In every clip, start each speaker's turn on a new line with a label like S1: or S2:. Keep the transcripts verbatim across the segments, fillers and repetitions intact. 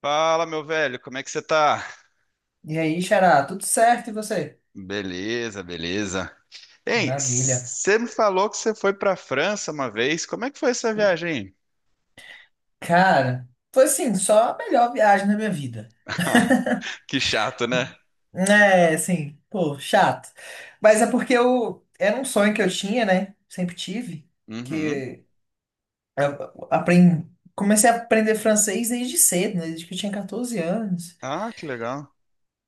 S1: Fala, meu velho, como é que você tá?
S2: E aí, Xará, tudo certo e você?
S1: Beleza, beleza. Hein,
S2: Maravilha.
S1: você me falou que você foi pra França uma vez. Como é que foi essa viagem?
S2: Cara, foi assim, só a melhor viagem da minha vida.
S1: Que chato, né?
S2: É, assim, pô, chato. Mas é porque eu era um sonho que eu tinha, né? Sempre tive,
S1: Uhum.
S2: que eu aprendi, comecei a aprender francês desde cedo, né? Desde que eu tinha quatorze anos.
S1: Ah, que legal.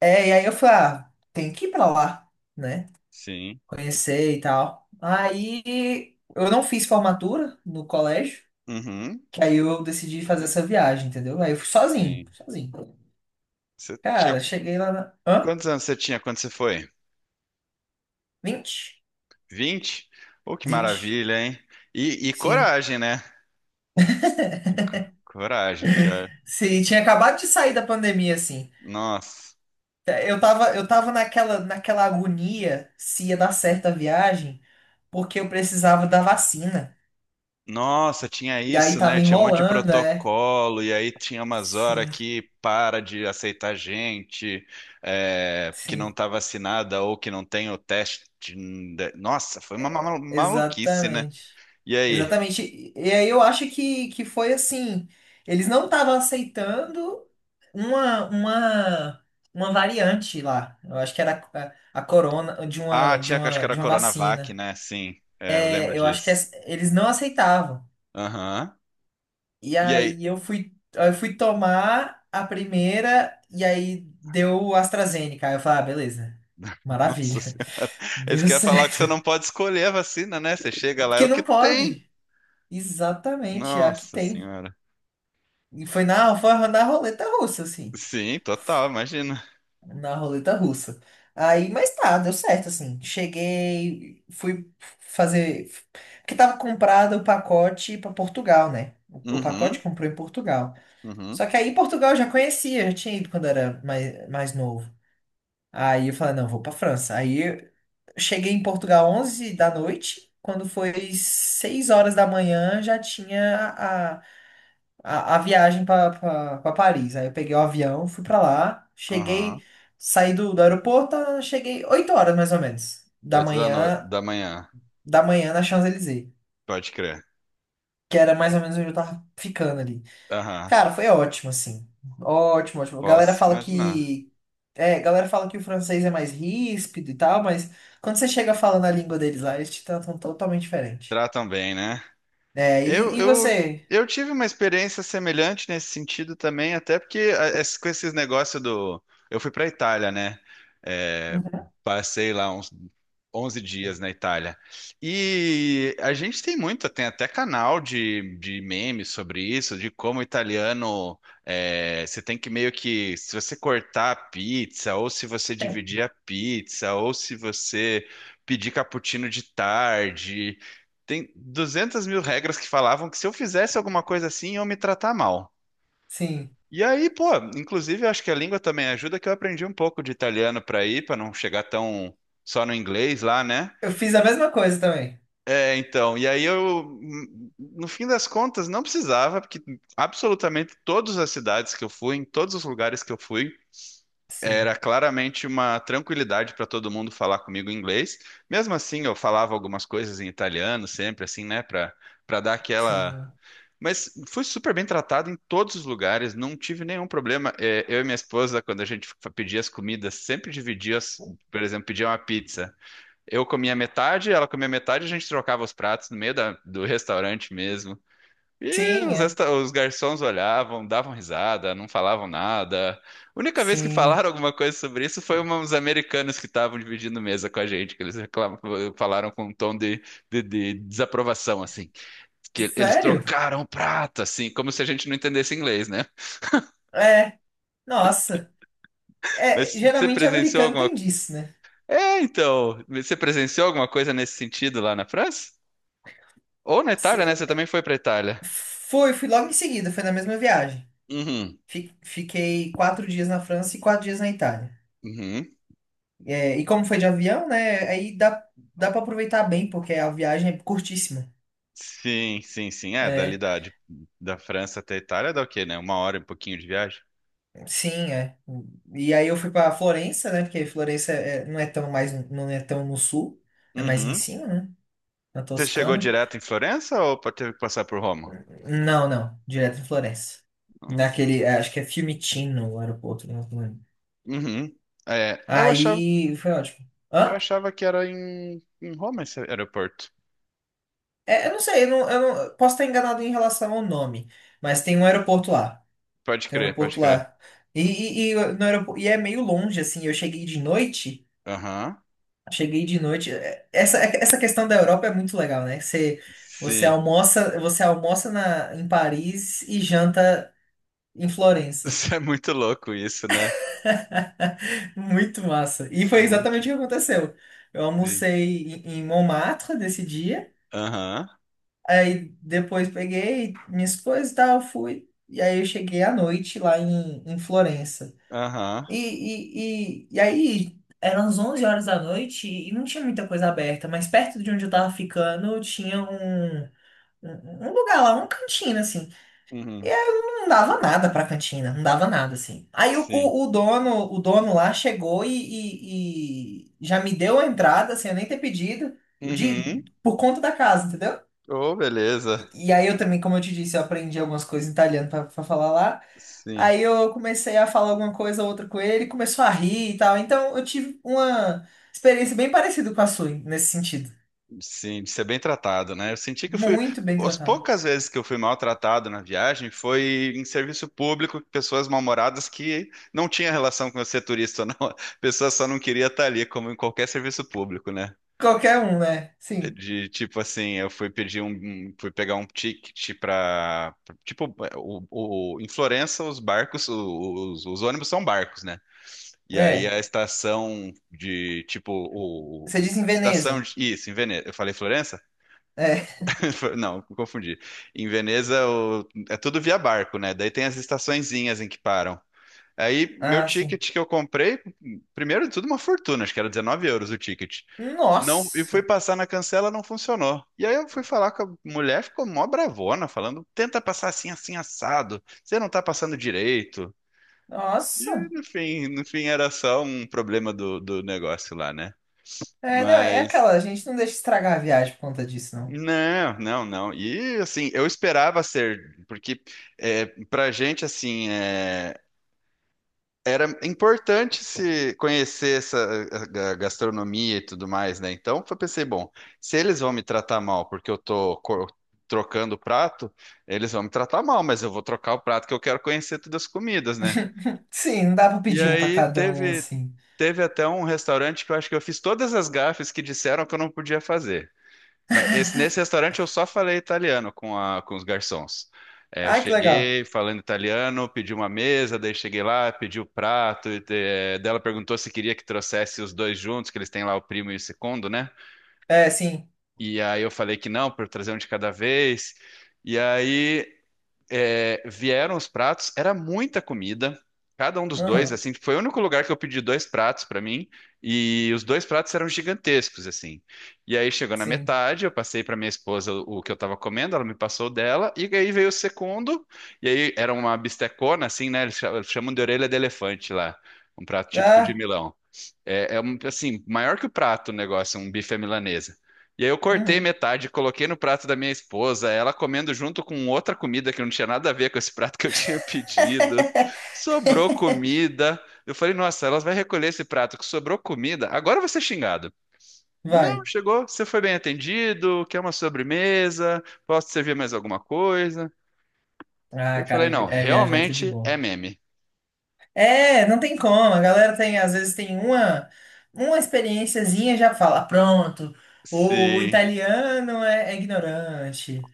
S2: É, e aí eu falei, ah, tem que ir pra lá, né?
S1: Sim.
S2: Conhecer e tal. Aí eu não fiz formatura no colégio.
S1: Uhum.
S2: Que aí eu decidi fazer essa viagem, entendeu? Aí eu fui sozinho,
S1: Sim.
S2: sozinho.
S1: Você tinha
S2: Cara, cheguei lá na. Hã?
S1: Quantos anos você tinha quando você foi?
S2: Vinte,
S1: Vinte? Oh, que
S2: 20.
S1: maravilha, hein? E, e
S2: Sim.
S1: coragem, né? Co- Coragem, porque ó,
S2: Sim, tinha acabado de sair da pandemia, assim.
S1: nossa.
S2: Eu tava, eu tava naquela, naquela agonia se ia dar certo a viagem, porque eu precisava da vacina.
S1: Nossa, tinha
S2: E aí
S1: isso,
S2: tava
S1: né? Tinha um monte de
S2: enrolando, é.
S1: protocolo, e aí tinha umas horas
S2: Sim,
S1: que para de aceitar gente é, que não
S2: sim.
S1: tá vacinada ou que não tem o teste. Nossa, foi uma ma- maluquice, né?
S2: Exatamente.
S1: E aí?
S2: Exatamente. E e aí eu acho que, que foi assim, eles não estavam aceitando uma, uma, uma variante lá. Eu acho que era a, a corona de uma,
S1: Ah,
S2: de
S1: tinha que acho que
S2: uma,
S1: era
S2: de uma
S1: Coronavac,
S2: vacina.
S1: né? Sim, é, eu lembro
S2: É, eu acho que
S1: disso.
S2: es- eles não aceitavam.
S1: Aham.
S2: E
S1: E aí?
S2: aí eu fui, eu fui tomar a primeira e aí deu o AstraZeneca. Aí eu falei, ah, beleza.
S1: Nossa
S2: Maravilha.
S1: Senhora. Eles
S2: Deu
S1: querem falar que você
S2: certo.
S1: não pode escolher a vacina, né? Você chega lá, é
S2: Porque
S1: o que
S2: não
S1: tem.
S2: pode. Exatamente, é a que
S1: Nossa
S2: tem.
S1: Senhora.
S2: E foi na, foi na roleta russa, assim.
S1: Sim, total, imagina.
S2: Na roleta russa. Aí, mas tá, deu certo, assim. Cheguei, fui fazer. Porque tava comprado o pacote pra Portugal, né? O o pacote
S1: Uhum,
S2: comprou em Portugal.
S1: uhum.
S2: Só que aí Portugal eu já conhecia, já tinha ido quando era mais, mais novo. Aí eu falei, não, vou pra França. Aí eu cheguei em Portugal onze da noite. Quando foi seis horas da manhã, já tinha a, a viagem para Paris. Aí eu peguei o avião, fui para lá,
S1: Aham.
S2: cheguei, saí do, do aeroporto, ah, cheguei oito horas mais ou menos da
S1: Oito da, no...
S2: manhã,
S1: da manhã.
S2: da manhã na Champs-Élysées,
S1: Pode crer.
S2: que era mais ou menos onde eu tava ficando ali.
S1: Aham.
S2: Cara, foi ótimo assim. Ótimo, ótimo. Galera
S1: Posso
S2: fala
S1: imaginar.
S2: que é, galera fala que o francês é mais ríspido e tal, mas quando você chega falando a língua deles lá, eles te tratam totalmente diferente.
S1: Tratam bem, né?
S2: É,
S1: Eu,
S2: e, e
S1: eu,
S2: você?
S1: eu tive uma experiência semelhante nesse sentido também, até porque a- esse- com esses negócios do. Eu fui para Itália, né? É, passei lá uns onze dias na Itália. E a gente tem muito, tem até canal de, de memes sobre isso, de como o italiano. É, você tem que meio que. Se você cortar a pizza, ou se você dividir a pizza, ou se você pedir cappuccino de tarde. Tem duzentas mil regras que falavam que se eu fizesse alguma coisa assim, iam me tratar mal.
S2: Sim.
S1: E aí, pô, inclusive eu acho que a língua também ajuda, que eu aprendi um pouco de italiano para ir, para não chegar tão só no inglês lá, né?
S2: Eu fiz a mesma coisa também.
S1: É, então, e aí eu, hum, no fim das contas, não precisava, porque absolutamente todas as cidades que eu fui, em todos os lugares que eu fui, era
S2: Sim,
S1: claramente uma tranquilidade para todo mundo falar comigo em inglês. Mesmo assim, eu falava algumas coisas em italiano sempre, assim, né, para para dar aquela.
S2: sim.
S1: Mas fui super bem tratado em todos os lugares, não tive nenhum problema. É, eu e minha esposa, quando a gente fa- pedia as comidas, sempre dividia, as- por exemplo, pedia uma pizza. Eu comia metade, ela comia metade, a gente trocava os pratos no meio da- do restaurante mesmo. E
S2: Sim,
S1: os,
S2: é.
S1: resta- os garçons olhavam, davam risada, não falavam nada. A única vez que falaram
S2: Sim.
S1: alguma coisa sobre isso foi uma- uns americanos que estavam dividindo mesa com a gente, que eles reclamam- falaram com um tom de de- de desaprovação, assim, que eles
S2: Sério?
S1: trocaram prata, assim, como se a gente não entendesse inglês, né?
S2: É, nossa. É,
S1: Mas você
S2: geralmente
S1: presenciou
S2: americano
S1: alguma...
S2: tem disso, né?
S1: É, então, você presenciou alguma coisa nesse sentido lá na França? Ou na Itália, né?
S2: Se-
S1: Você também foi para Itália.
S2: Foi, fui logo em seguida, foi na mesma viagem.
S1: Uhum,
S2: Fi- Fiquei quatro dias na França e quatro dias na Itália.
S1: uhum.
S2: É, e como foi de avião, né? Aí dá, dá para aproveitar bem, porque a viagem é curtíssima.
S1: Sim, sim, sim. É, dali
S2: É,
S1: da, de- da França até a Itália dá o quê, né? Uma hora e um pouquinho de viagem.
S2: sim, é. E aí eu fui para Florença, né? Porque Florença é- é, não é tão mais, não é tão no sul, é mais em
S1: Uhum.
S2: cima, né? Na
S1: Você chegou
S2: Toscana.
S1: direto em Florença ou pa- teve que passar por Roma?
S2: Não, não. Direto em Florença.
S1: Uhum.
S2: Naquele, é, acho que é Fiumicino o aeroporto, não lembro.
S1: Uhum. É, eu achava,
S2: Aí foi ótimo.
S1: eu
S2: Hã?
S1: achava que era em, em Roma esse aeroporto.
S2: É, eu não sei, eu não, eu não- eu posso estar enganado em relação ao nome, mas tem um aeroporto lá.
S1: Pode
S2: Tem um
S1: crer, pode
S2: aeroporto
S1: crer.
S2: lá. E, e, e no aeroporto, e é meio longe, assim. Eu cheguei de noite.
S1: Aham.
S2: Cheguei de noite. é- Essa, é, essa questão da Europa é muito legal, né? Você, você
S1: Sim.
S2: almoça, você almoça na, em Paris e janta em Florença.
S1: Isso é muito louco isso, né?
S2: Muito massa. E foi
S1: Muito,
S2: exatamente o que aconteceu. Eu
S1: sim.
S2: almocei em em Montmartre nesse dia,
S1: Aham,
S2: aí depois peguei minhas coisas e tal, fui. E aí eu cheguei à noite lá em, em Florença.
S1: aham,
S2: E, e, e, e aí eram as onze horas da noite e não tinha muita coisa aberta, mas perto de onde eu tava ficando tinha um, um, um lugar lá, um cantinho assim, e
S1: uhum,
S2: eu não dava nada pra cantina, não dava nada, assim. Aí o,
S1: sim.
S2: o, o dono, o dono lá chegou e, e- e já me deu a entrada, sem eu nem ter pedido,
S1: Uhum.
S2: de, por conta da casa, entendeu?
S1: Oh, beleza.
S2: E aí eu também, como eu te disse, eu aprendi algumas coisas em italiano pra, pra falar lá.
S1: Sim,
S2: Aí eu comecei a falar alguma coisa ou outra com ele, começou a rir e tal. Então eu tive uma experiência bem parecida com a sua, nesse sentido.
S1: sim, de ser bem tratado, né? Eu senti que eu fui.
S2: Muito bem
S1: As
S2: tratado.
S1: poucas vezes que eu fui maltratado na viagem foi em serviço público, pessoas mal-humoradas que não tinha relação com eu ser turista, ou não. A pessoa só não queria estar ali, como em qualquer serviço público, né?
S2: Qualquer um, né? Sim.
S1: De tipo assim, eu fui pedir um, um- fui pegar um ticket pra, pra- tipo, o, o- em Florença os barcos, os, os ônibus são barcos, né? E aí
S2: É.
S1: a estação de tipo o,
S2: Você
S1: o- o-
S2: diz em
S1: estação
S2: Veneza.
S1: de, isso, em Veneza. Eu falei Florença?
S2: É.
S1: Não, confundi. Em Veneza o- é tudo via barco, né? Daí tem as estaçõezinhas em que param. Aí, meu
S2: Ah, sim.
S1: ticket que eu comprei, primeiro de tudo, uma fortuna, acho que era dezenove euros o ticket. Não, e fui
S2: Nossa,
S1: passar na cancela, não funcionou. E aí eu fui falar com a mulher, ficou mó bravona, falando: tenta passar assim, assim, assado, você não tá passando direito. E
S2: nossa.
S1: no fim, no fim era só um problema do, do negócio lá, né?
S2: É, não, é
S1: Mas.
S2: aquela, a gente não deixa estragar a viagem por conta disso, não.
S1: Não, não, não. E assim, eu esperava ser, porque é, pra gente, assim, é, era importante se conhecer essa a- a gastronomia e tudo mais, né? Então, eu pensei, bom, se eles vão me tratar mal porque eu tô co- trocando o prato, eles vão me tratar mal, mas eu vou trocar o prato que eu quero conhecer todas as comidas, né?
S2: Sim, não dá pra
S1: E
S2: pedir um pra
S1: aí
S2: cada um,
S1: teve
S2: assim.
S1: teve até um restaurante que eu acho que eu fiz todas as gafes que disseram que eu não podia fazer. Mas esse- nesse restaurante eu só falei italiano com, a- com os garçons. É, eu
S2: Ah, que legal.
S1: cheguei falando italiano, pedi uma mesa, daí cheguei lá, pedi o prato, e, eh, daí ela perguntou se queria que trouxesse os dois juntos, que eles têm lá o primo e o segundo, né?
S2: É, sim.
S1: E aí eu falei que não, para trazer um de cada vez. E aí é, vieram os pratos, era muita comida. Cada um dos dois,
S2: Uhum,
S1: assim, foi o único lugar que eu pedi dois pratos para mim, e os dois pratos eram gigantescos, assim. E aí chegou na
S2: sim.
S1: metade, eu passei para minha esposa o o que eu tava comendo, ela me passou o dela, e aí veio o segundo, e aí era uma bistecona, assim, né? Eles cha- chamam de orelha de elefante lá, um prato típico de
S2: Ah,
S1: Milão. É, é um, assim, maior que o prato o negócio, um bife à milanesa. E aí eu cortei
S2: uhum.
S1: metade, coloquei no prato da minha esposa, ela comendo junto com outra comida que não tinha nada a ver com esse prato que eu tinha pedido. Sobrou comida. Eu falei, nossa, elas vai recolher esse prato que sobrou comida. Agora eu vou ser xingado. Não,
S2: Vai.
S1: chegou, você foi bem atendido, quer uma sobremesa, posso servir mais alguma coisa?
S2: Ah,
S1: Eu falei,
S2: cara, vi-
S1: não,
S2: é viajar é tudo de
S1: realmente é
S2: bom.
S1: meme.
S2: É, não tem como. A galera tem, às vezes, tem uma, uma experiênciazinha e já fala, pronto, o, o
S1: Sim.
S2: italiano é, é ignorante,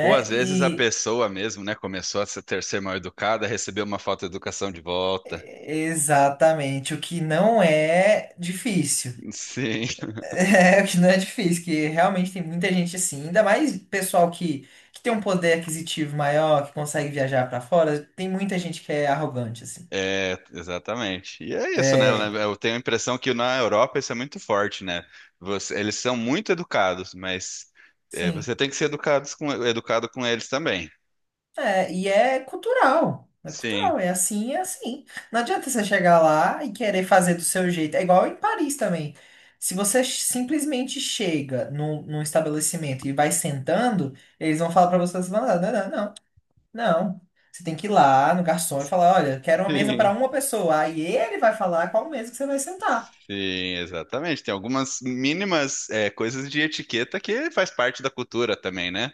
S1: Ou às vezes a pessoa mesmo, né, começou a se ter ser mal educada, recebeu uma falta de educação de volta.
S2: Exatamente, o que não é difícil.
S1: Sim,
S2: É, o que não é difícil, que realmente tem muita gente assim, ainda mais pessoal que, que tem um poder aquisitivo maior, que consegue viajar pra fora, tem muita gente que é arrogante, assim.
S1: é, exatamente. E é isso, né? né,
S2: É,
S1: Eu tenho a impressão que na Europa isso é muito forte, né? Você- eles são muito educados, mas é,
S2: sim.
S1: você tem que ser educados com, educado com eles também.
S2: É, e é cultural. É
S1: Sim,
S2: cultural, é assim, é assim. Não adianta você chegar lá e querer fazer do seu jeito. É igual em Paris também. Se você ch- simplesmente chega num, num estabelecimento e vai sentando, eles vão falar pra você, você fala, não, não, não. Não. Você tem que ir lá no garçom e falar, olha, quero uma mesa para
S1: sim,
S2: uma pessoa. Aí ele vai falar qual mesa que você vai sentar.
S1: sim, exatamente. Tem algumas mínimas é, coisas de etiqueta que faz parte da cultura também, né?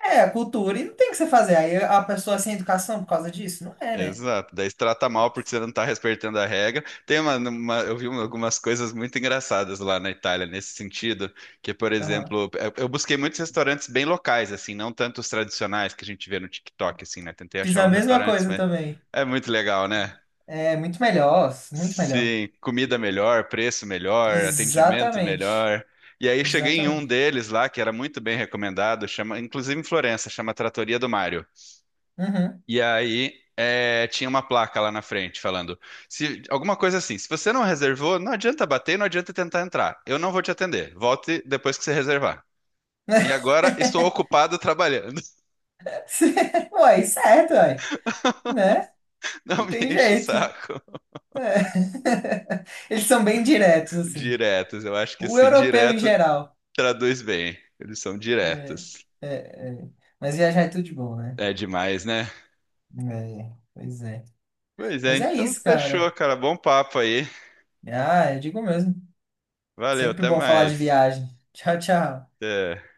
S2: É, a cultura e não tem o que você fazer. Aí a pessoa sem educação por causa disso? Não é, né?
S1: Exato, daí se trata mal porque você não está respeitando a regra. Tem uma, uma- eu vi uma- algumas coisas muito engraçadas lá na Itália nesse sentido, que por
S2: Aham.
S1: exemplo, eu, eu busquei muitos restaurantes bem locais assim, não tanto os tradicionais que a gente vê no TikTok assim, né? Tentei
S2: Fiz
S1: achar
S2: a
S1: uns
S2: mesma
S1: restaurantes,
S2: coisa
S1: mas
S2: também.
S1: é muito legal, né?
S2: É muito melhor, muito melhor.
S1: Sim, comida melhor, preço melhor, atendimento
S2: Exatamente.
S1: melhor. E aí cheguei em um
S2: Exatamente.
S1: deles lá que era muito bem recomendado, chama, inclusive em Florença, chama Trattoria do Mário.
S2: Uhum.
S1: E aí é, tinha uma placa lá na frente falando, se alguma coisa assim, se você não reservou, não adianta bater, não adianta tentar entrar. Eu não vou te atender. Volte depois que você reservar. E agora estou ocupado trabalhando.
S2: Uai, certo, uai. Né?
S1: Não
S2: Não
S1: me
S2: tem
S1: enche o
S2: jeito.
S1: saco.
S2: Eles são bem diretos, assim.
S1: Diretos, eu acho que
S2: O
S1: assim,
S2: europeu em
S1: direto
S2: geral.
S1: traduz bem. Eles são
S2: É,
S1: diretos.
S2: é, é. Mas viajar é tudo de bom, né?
S1: É demais, né?
S2: É, pois é.
S1: Pois é,
S2: Mas é
S1: então
S2: isso,
S1: fechou,
S2: cara.
S1: cara. Bom papo aí.
S2: Ah, eu digo mesmo.
S1: Valeu,
S2: Sempre
S1: até
S2: bom falar de
S1: mais.
S2: viagem. Tchau, tchau.
S1: É.